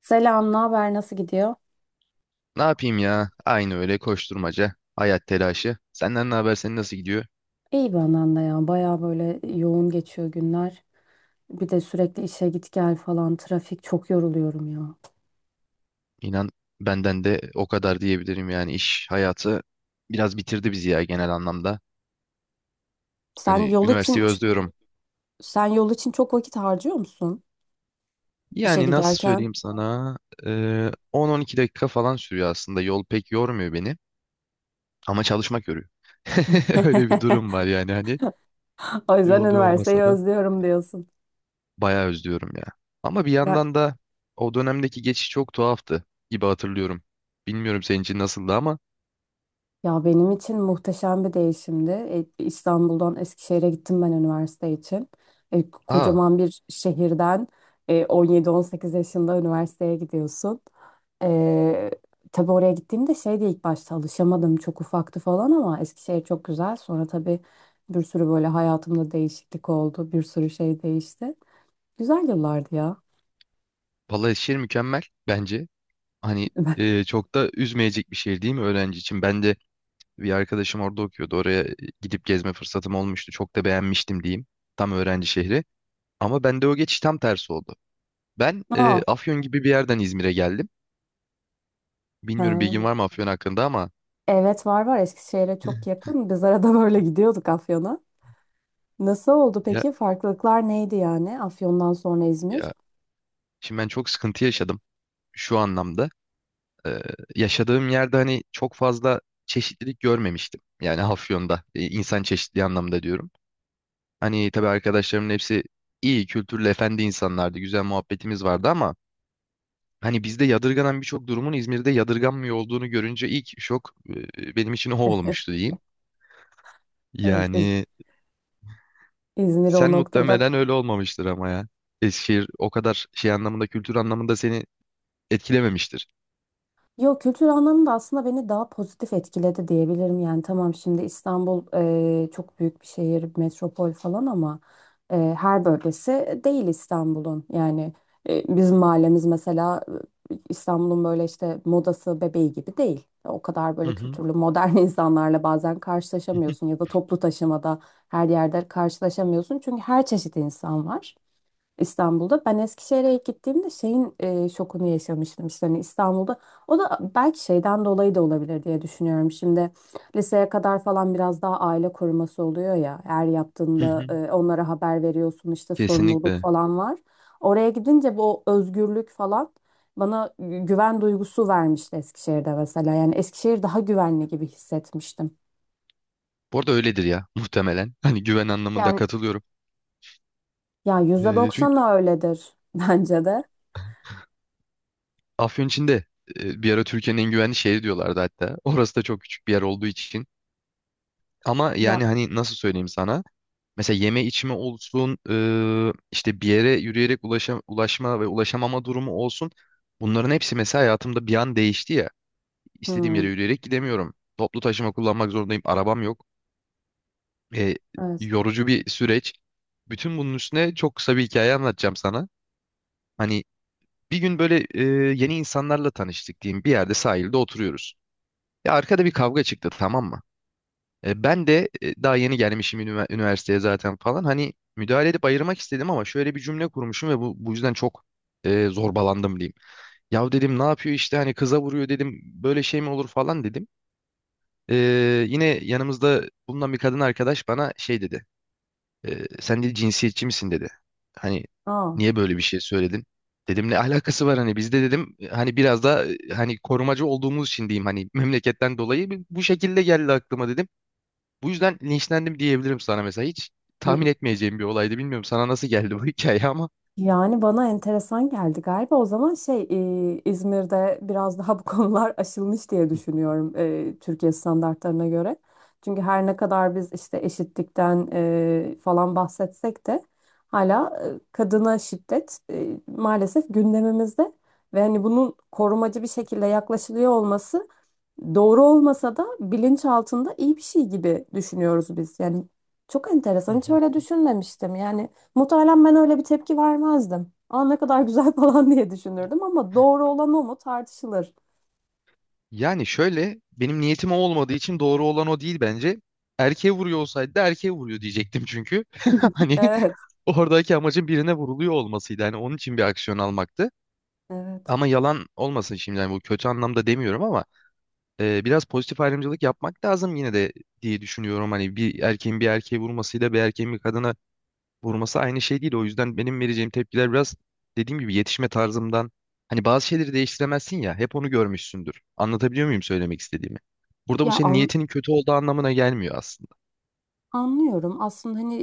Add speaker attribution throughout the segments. Speaker 1: Selam, ne haber? Nasıl gidiyor?
Speaker 2: Ne yapayım ya? Aynı öyle koşturmaca, hayat telaşı. Senden ne haber? Senin nasıl gidiyor?
Speaker 1: İyi benden de ya. Baya böyle yoğun geçiyor günler. Bir de sürekli işe git gel falan. Trafik çok yoruluyorum ya.
Speaker 2: İnan benden de o kadar diyebilirim yani iş hayatı biraz bitirdi bizi ya genel anlamda.
Speaker 1: Sen
Speaker 2: Hani
Speaker 1: yol için
Speaker 2: üniversiteyi özlüyorum.
Speaker 1: sen yol için çok vakit harcıyor musun işe
Speaker 2: Yani nasıl
Speaker 1: giderken?
Speaker 2: söyleyeyim sana? 10-12 dakika falan sürüyor aslında. Yol pek yormuyor beni ama çalışmak yoruyor. Öyle bir durum var yani hani
Speaker 1: O yüzden
Speaker 2: yol
Speaker 1: üniversiteyi
Speaker 2: yormasa da
Speaker 1: özlüyorum diyorsun.
Speaker 2: bayağı özlüyorum ya. Ama bir
Speaker 1: Ne-
Speaker 2: yandan da o dönemdeki geçiş çok tuhaftı gibi hatırlıyorum. Bilmiyorum senin için nasıldı ama.
Speaker 1: Ya benim için muhteşem bir değişimdi. İstanbul'dan Eskişehir'e gittim ben üniversite için.
Speaker 2: Aa,
Speaker 1: Kocaman bir şehirden 17-18 yaşında üniversiteye gidiyorsun. E, tabii oraya gittiğimde şeydi ilk başta alışamadım. Çok ufaktı falan ama Eskişehir çok güzel. Sonra tabii bir sürü böyle hayatımda değişiklik oldu. Bir sürü şey değişti. Güzel yıllardı ya.
Speaker 2: Balıkesir mükemmel bence. Hani çok da üzmeyecek bir şehir değil mi öğrenci için? Ben de bir arkadaşım orada okuyordu. Oraya gidip gezme fırsatım olmuştu. Çok da beğenmiştim diyeyim. Tam öğrenci şehri. Ama bende o geçiş tam tersi oldu. Ben
Speaker 1: Aa,
Speaker 2: Afyon gibi bir yerden İzmir'e geldim. Bilmiyorum bilgin
Speaker 1: ha.
Speaker 2: var mı Afyon hakkında ama.
Speaker 1: Evet, var var, Eskişehir'e çok yakın. Biz arada böyle gidiyorduk Afyon'a. Nasıl oldu
Speaker 2: ya,
Speaker 1: peki? Farklılıklar neydi yani Afyon'dan sonra İzmir?
Speaker 2: ya şimdi ben çok sıkıntı yaşadım şu anlamda. Ee, yaşadığım yerde hani çok fazla çeşitlilik görmemiştim. Yani Afyon'da insan çeşitliği anlamda diyorum. Hani tabii arkadaşlarımın hepsi iyi, kültürlü, efendi insanlardı. Güzel muhabbetimiz vardı ama hani bizde yadırganan birçok durumun İzmir'de yadırganmıyor olduğunu görünce ilk şok benim için o olmuştu diyeyim.
Speaker 1: Evet, İz-
Speaker 2: Yani
Speaker 1: İzmir o
Speaker 2: sen
Speaker 1: noktada
Speaker 2: muhtemelen öyle olmamıştır ama ya. Eskişehir o kadar şey anlamında, kültür anlamında seni etkilememiştir.
Speaker 1: yok, kültür anlamında aslında beni daha pozitif etkiledi diyebilirim. Yani tamam şimdi İstanbul çok büyük bir şehir, metropol falan ama her bölgesi değil İstanbul'un. Yani bizim mahallemiz mesela İstanbul'un böyle işte modası bebeği gibi değil. O kadar
Speaker 2: Hı
Speaker 1: böyle
Speaker 2: hı.
Speaker 1: kültürlü modern insanlarla bazen karşılaşamıyorsun ya da toplu taşımada her yerde karşılaşamıyorsun. Çünkü her çeşit insan var İstanbul'da. Ben Eskişehir'e ilk gittiğimde şeyin şokunu yaşamıştım işte hani İstanbul'da. O da belki şeyden dolayı da olabilir diye düşünüyorum. Şimdi liseye kadar falan biraz daha aile koruması oluyor ya. Eğer
Speaker 2: Hı
Speaker 1: yaptığında
Speaker 2: hı.
Speaker 1: onlara haber veriyorsun işte sorumluluk
Speaker 2: Kesinlikle.
Speaker 1: falan var. Oraya gidince bu özgürlük falan bana güven duygusu vermişti Eskişehir'de mesela. Yani Eskişehir daha güvenli gibi hissetmiştim.
Speaker 2: Bu arada öyledir ya muhtemelen. Hani güven anlamında
Speaker 1: Yani
Speaker 2: katılıyorum.
Speaker 1: ya
Speaker 2: Ee,
Speaker 1: %90
Speaker 2: çünkü
Speaker 1: öyledir bence de.
Speaker 2: Afyon içinde bir ara Türkiye'nin en güvenli şehri diyorlardı hatta. Orası da çok küçük bir yer olduğu için. Ama
Speaker 1: Ya
Speaker 2: yani hani nasıl söyleyeyim sana? Mesela yeme içme olsun, işte bir yere yürüyerek ulaşma ve ulaşamama durumu olsun. Bunların hepsi mesela hayatımda bir an değişti ya. İstediğim yere
Speaker 1: hmm,
Speaker 2: yürüyerek gidemiyorum. Toplu taşıma kullanmak zorundayım. Arabam yok. E,
Speaker 1: evet.
Speaker 2: yorucu bir süreç. Bütün bunun üstüne çok kısa bir hikaye anlatacağım sana. Hani bir gün böyle yeni insanlarla tanıştık diyeyim. Bir yerde sahilde oturuyoruz. Ya arkada bir kavga çıktı, tamam mı? Ben de daha yeni gelmişim üniversiteye zaten falan. Hani müdahale edip ayırmak istedim ama şöyle bir cümle kurmuşum ve bu yüzden çok zorbalandım diyeyim. Ya dedim ne yapıyor işte hani kıza vuruyor dedim, böyle şey mi olur falan dedim. E, yine yanımızda bulunan bir kadın arkadaş bana şey dedi. Sen dedi cinsiyetçi misin dedi. Hani
Speaker 1: Aa.
Speaker 2: niye böyle bir şey söyledin? Dedim ne alakası var hani, bizde dedim hani biraz da hani korumacı olduğumuz için diyeyim, hani memleketten dolayı bu şekilde geldi aklıma dedim. Bu yüzden linçlendim diyebilirim sana mesela. Hiç tahmin etmeyeceğim bir olaydı. Bilmiyorum sana nasıl geldi bu hikaye ama.
Speaker 1: Yani bana enteresan geldi galiba. O zaman şey, İzmir'de biraz daha bu konular aşılmış diye düşünüyorum, Türkiye standartlarına göre. Çünkü her ne kadar biz işte eşitlikten falan bahsetsek de hala kadına şiddet maalesef gündemimizde ve hani bunun korumacı bir şekilde yaklaşılıyor olması doğru olmasa da bilinç altında iyi bir şey gibi düşünüyoruz biz. Yani çok
Speaker 2: Hı
Speaker 1: enteresan. Hiç
Speaker 2: hı.
Speaker 1: öyle düşünmemiştim. Yani muhtemelen ben öyle bir tepki vermezdim. Aa, ne kadar güzel falan diye düşünürdüm ama doğru olan o mu tartışılır.
Speaker 2: Yani şöyle, benim niyetim o olmadığı için doğru olan o değil bence. Erkeğe vuruyor olsaydı da erkeğe vuruyor diyecektim çünkü. Hani
Speaker 1: Evet,
Speaker 2: oradaki amacın birine vuruluyor olmasıydı. Hani onun için bir aksiyon almaktı.
Speaker 1: evet.
Speaker 2: Ama yalan olmasın şimdi, yani bu kötü anlamda demiyorum ama biraz pozitif ayrımcılık yapmak lazım yine de diye düşünüyorum. Hani bir erkeğin bir erkeğe vurmasıyla bir erkeğin bir kadına vurması aynı şey değil. O yüzden benim vereceğim tepkiler biraz dediğim gibi yetişme tarzımdan. Hani bazı şeyleri değiştiremezsin ya. Hep onu görmüşsündür. Anlatabiliyor muyum söylemek istediğimi? Burada bu
Speaker 1: Ya
Speaker 2: senin
Speaker 1: an-
Speaker 2: niyetinin kötü olduğu anlamına gelmiyor aslında.
Speaker 1: Anlıyorum. Aslında hani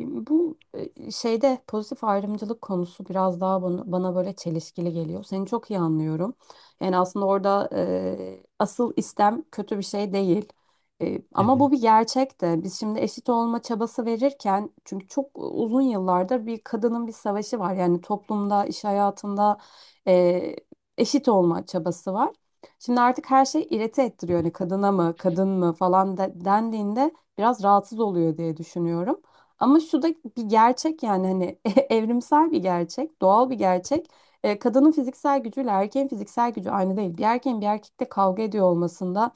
Speaker 1: bu şeyde pozitif ayrımcılık konusu biraz daha bana böyle çelişkili geliyor. Seni çok iyi anlıyorum. Yani aslında orada asıl istem kötü bir şey değil.
Speaker 2: Hı
Speaker 1: Ama
Speaker 2: hı.
Speaker 1: bu bir gerçek de. Biz şimdi eşit olma çabası verirken çünkü çok uzun yıllardır bir kadının bir savaşı var. Yani toplumda, iş hayatında e, eşit olma çabası var. Şimdi artık her şey irite ettiriyor. Hani kadına mı, kadın mı falan dendiğinde biraz rahatsız oluyor diye düşünüyorum. Ama şu da bir gerçek yani hani evrimsel bir gerçek, doğal bir gerçek. Kadının fiziksel gücüyle erkeğin fiziksel gücü aynı değil. Bir erkeğin bir erkekle kavga ediyor olmasında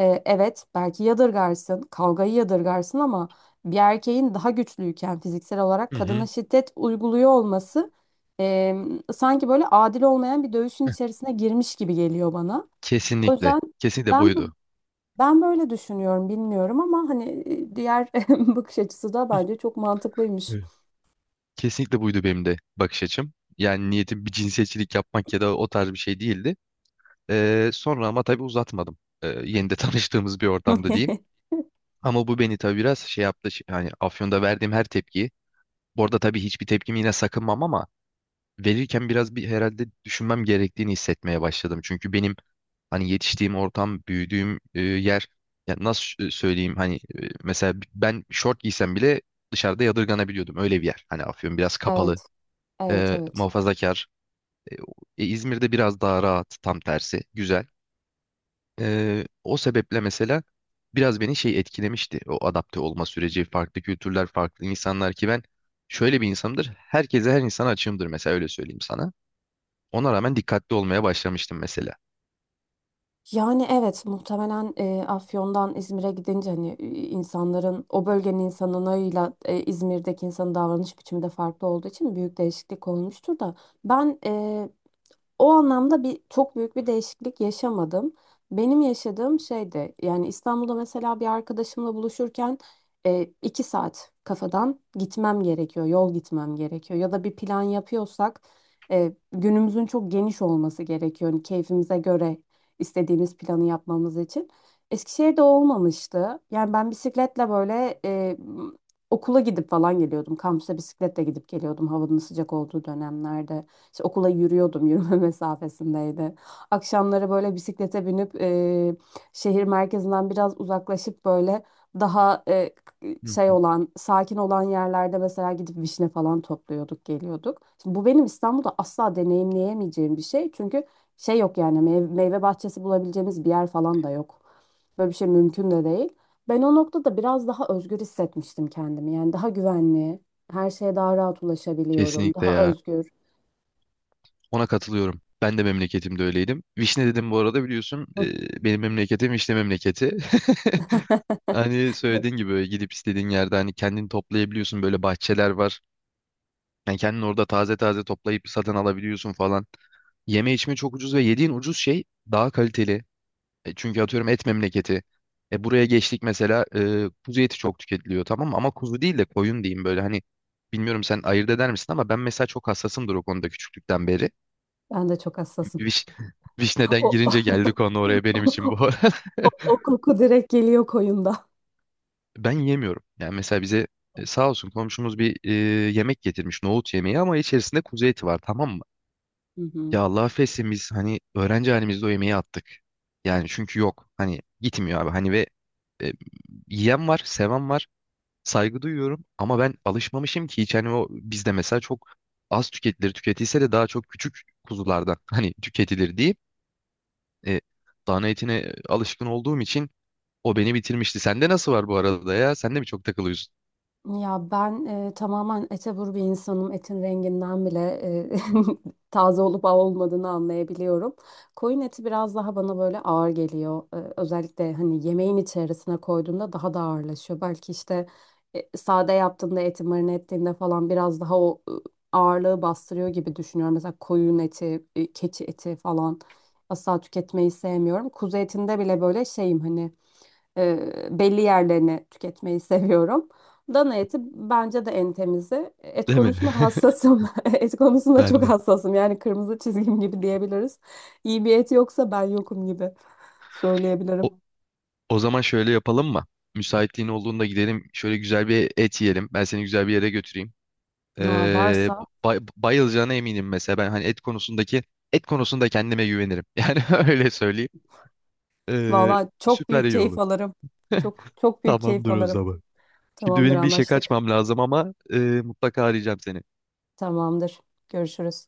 Speaker 1: evet belki yadırgarsın, kavgayı yadırgarsın ama bir erkeğin daha güçlüyken fiziksel olarak
Speaker 2: Hı
Speaker 1: kadına
Speaker 2: hı.
Speaker 1: şiddet uyguluyor olması e, sanki böyle adil olmayan bir dövüşün içerisine girmiş gibi geliyor bana. O
Speaker 2: Kesinlikle.
Speaker 1: yüzden
Speaker 2: Kesinlikle
Speaker 1: ben bu
Speaker 2: buydu.
Speaker 1: ben böyle düşünüyorum, bilmiyorum ama hani diğer bakış açısı da bence çok mantıklıymış.
Speaker 2: Evet. Kesinlikle buydu benim de bakış açım. Yani niyetim bir cinsiyetçilik yapmak ya da o tarz bir şey değildi. Sonra ama tabii uzatmadım. Yeni de tanıştığımız bir ortamda diyeyim. Ama bu beni tabii biraz şey yaptı. Yani Afyon'da verdiğim her tepkiyi. Bu arada tabii hiçbir tepkimi yine sakınmam ama verirken biraz bir herhalde düşünmem gerektiğini hissetmeye başladım. Çünkü benim hani yetiştiğim ortam, büyüdüğüm yer, ya nasıl söyleyeyim hani, mesela ben şort giysem bile dışarıda yadırganabiliyordum. Öyle bir yer. Hani Afyon biraz kapalı,
Speaker 1: Evet, evet, evet.
Speaker 2: muhafazakar. İzmir'de biraz daha rahat, tam tersi. Güzel. O sebeple mesela biraz beni şey etkilemişti. O adapte olma süreci, farklı kültürler, farklı insanlar ki ben şöyle bir insanımdır. Herkese, her insana açığımdır mesela, öyle söyleyeyim sana. Ona rağmen dikkatli olmaya başlamıştım mesela.
Speaker 1: Yani evet muhtemelen Afyon'dan İzmir'e gidince hani insanların o bölgenin insanıyla İzmir'deki insanın davranış biçimi de farklı olduğu için büyük değişiklik olmuştur da ben o anlamda bir çok büyük bir değişiklik yaşamadım. Benim yaşadığım şey de yani İstanbul'da mesela bir arkadaşımla buluşurken iki saat kafadan gitmem gerekiyor, yol gitmem gerekiyor. Ya da bir plan yapıyorsak günümüzün çok geniş olması gerekiyor. Hani keyfimize göre istediğimiz planı yapmamız için. Eskişehir'de o olmamıştı. Yani ben bisikletle böyle okula gidip falan geliyordum. Kampüse bisikletle gidip geliyordum havanın sıcak olduğu dönemlerde. İşte okula yürüyordum, yürüme mesafesindeydi. Akşamları böyle bisiklete binip şehir merkezinden biraz uzaklaşıp böyle daha
Speaker 2: Hı
Speaker 1: şey
Speaker 2: hı.
Speaker 1: olan, sakin olan yerlerde mesela gidip vişne falan topluyorduk, geliyorduk. Şimdi bu benim İstanbul'da asla deneyimleyemeyeceğim bir şey. Çünkü şey yok yani meyve bahçesi bulabileceğimiz bir yer falan da yok. Böyle bir şey mümkün de değil. Ben o noktada biraz daha özgür hissetmiştim kendimi. Yani daha güvenli, her şeye daha rahat ulaşabiliyorum,
Speaker 2: Kesinlikle
Speaker 1: daha
Speaker 2: ya.
Speaker 1: özgür.
Speaker 2: Ona katılıyorum. Ben de memleketimde öyleydim. Vişne dedim bu arada, biliyorsun. Benim memleketim Vişne memleketi. Hani söylediğin gibi böyle gidip istediğin yerde hani kendini toplayabiliyorsun, böyle bahçeler var. Yani kendin orada taze taze toplayıp satın alabiliyorsun falan. Yeme içme çok ucuz ve yediğin ucuz şey daha kaliteli. Çünkü atıyorum et memleketi. Buraya geçtik mesela, kuzu eti çok tüketiliyor tamam mı? Ama kuzu değil de koyun diyeyim, böyle hani bilmiyorum sen ayırt eder misin ama ben mesela çok hassasımdır o konuda küçüklükten beri.
Speaker 1: Ben de çok hassasım.
Speaker 2: Viş, Vişneden
Speaker 1: O, o,
Speaker 2: girince geldi konu oraya, benim için bu.
Speaker 1: o koku direkt geliyor koyunda.
Speaker 2: Ben yemiyorum. Yani mesela bize sağ olsun komşumuz bir yemek getirmiş, nohut yemeği ama içerisinde kuzu eti var tamam mı?
Speaker 1: Hı hı.
Speaker 2: Ya Allah affetsin biz hani öğrenci halimizde o yemeği attık. Yani çünkü yok, hani gitmiyor abi hani, ve e, yiyen var, seven var, saygı duyuyorum ama ben alışmamışım ki hiç hani, o bizde mesela çok az tüketilir, tüketilse de daha çok küçük kuzulardan hani tüketilir diyeyim. E, dana etine alışkın olduğum için o beni bitirmişti. Sende nasıl var bu arada ya? Sen de mi çok takılıyorsun?
Speaker 1: Ya ben tamamen ete vur bir insanım. Etin renginden bile e, taze olup olmadığını anlayabiliyorum. Koyun eti biraz daha bana böyle ağır geliyor. E, özellikle hani yemeğin içerisine koyduğunda daha da ağırlaşıyor. Belki işte sade yaptığında eti marine ettiğinde falan biraz daha o ağırlığı bastırıyor gibi düşünüyorum. Mesela koyun eti, keçi eti falan asla tüketmeyi sevmiyorum. Kuzu etinde bile böyle şeyim hani belli yerlerini tüketmeyi seviyorum. Dana eti bence de en temizi. Et
Speaker 2: Değil mi?
Speaker 1: konusunda hassasım. Et konusunda çok
Speaker 2: Bendim.
Speaker 1: hassasım. Yani kırmızı çizgim gibi diyebiliriz. İyi bir et yoksa ben yokum gibi
Speaker 2: O,
Speaker 1: söyleyebilirim.
Speaker 2: o zaman şöyle yapalım mı? Müsaitliğin olduğunda gidelim. Şöyle güzel bir et yiyelim. Ben seni güzel bir yere götüreyim.
Speaker 1: Aa,
Speaker 2: Ee,
Speaker 1: varsa
Speaker 2: bayılacağına eminim mesela. Ben hani et konusunda kendime güvenirim. Yani öyle söyleyeyim. Ee,
Speaker 1: valla çok
Speaker 2: süper
Speaker 1: büyük
Speaker 2: iyi
Speaker 1: keyif
Speaker 2: olur.
Speaker 1: alırım. Çok çok büyük keyif
Speaker 2: Tamamdır o
Speaker 1: alırım.
Speaker 2: zaman. Şimdi
Speaker 1: Tamamdır
Speaker 2: benim bir işe
Speaker 1: anlaştık.
Speaker 2: kaçmam lazım ama mutlaka arayacağım seni.
Speaker 1: Tamamdır. Görüşürüz.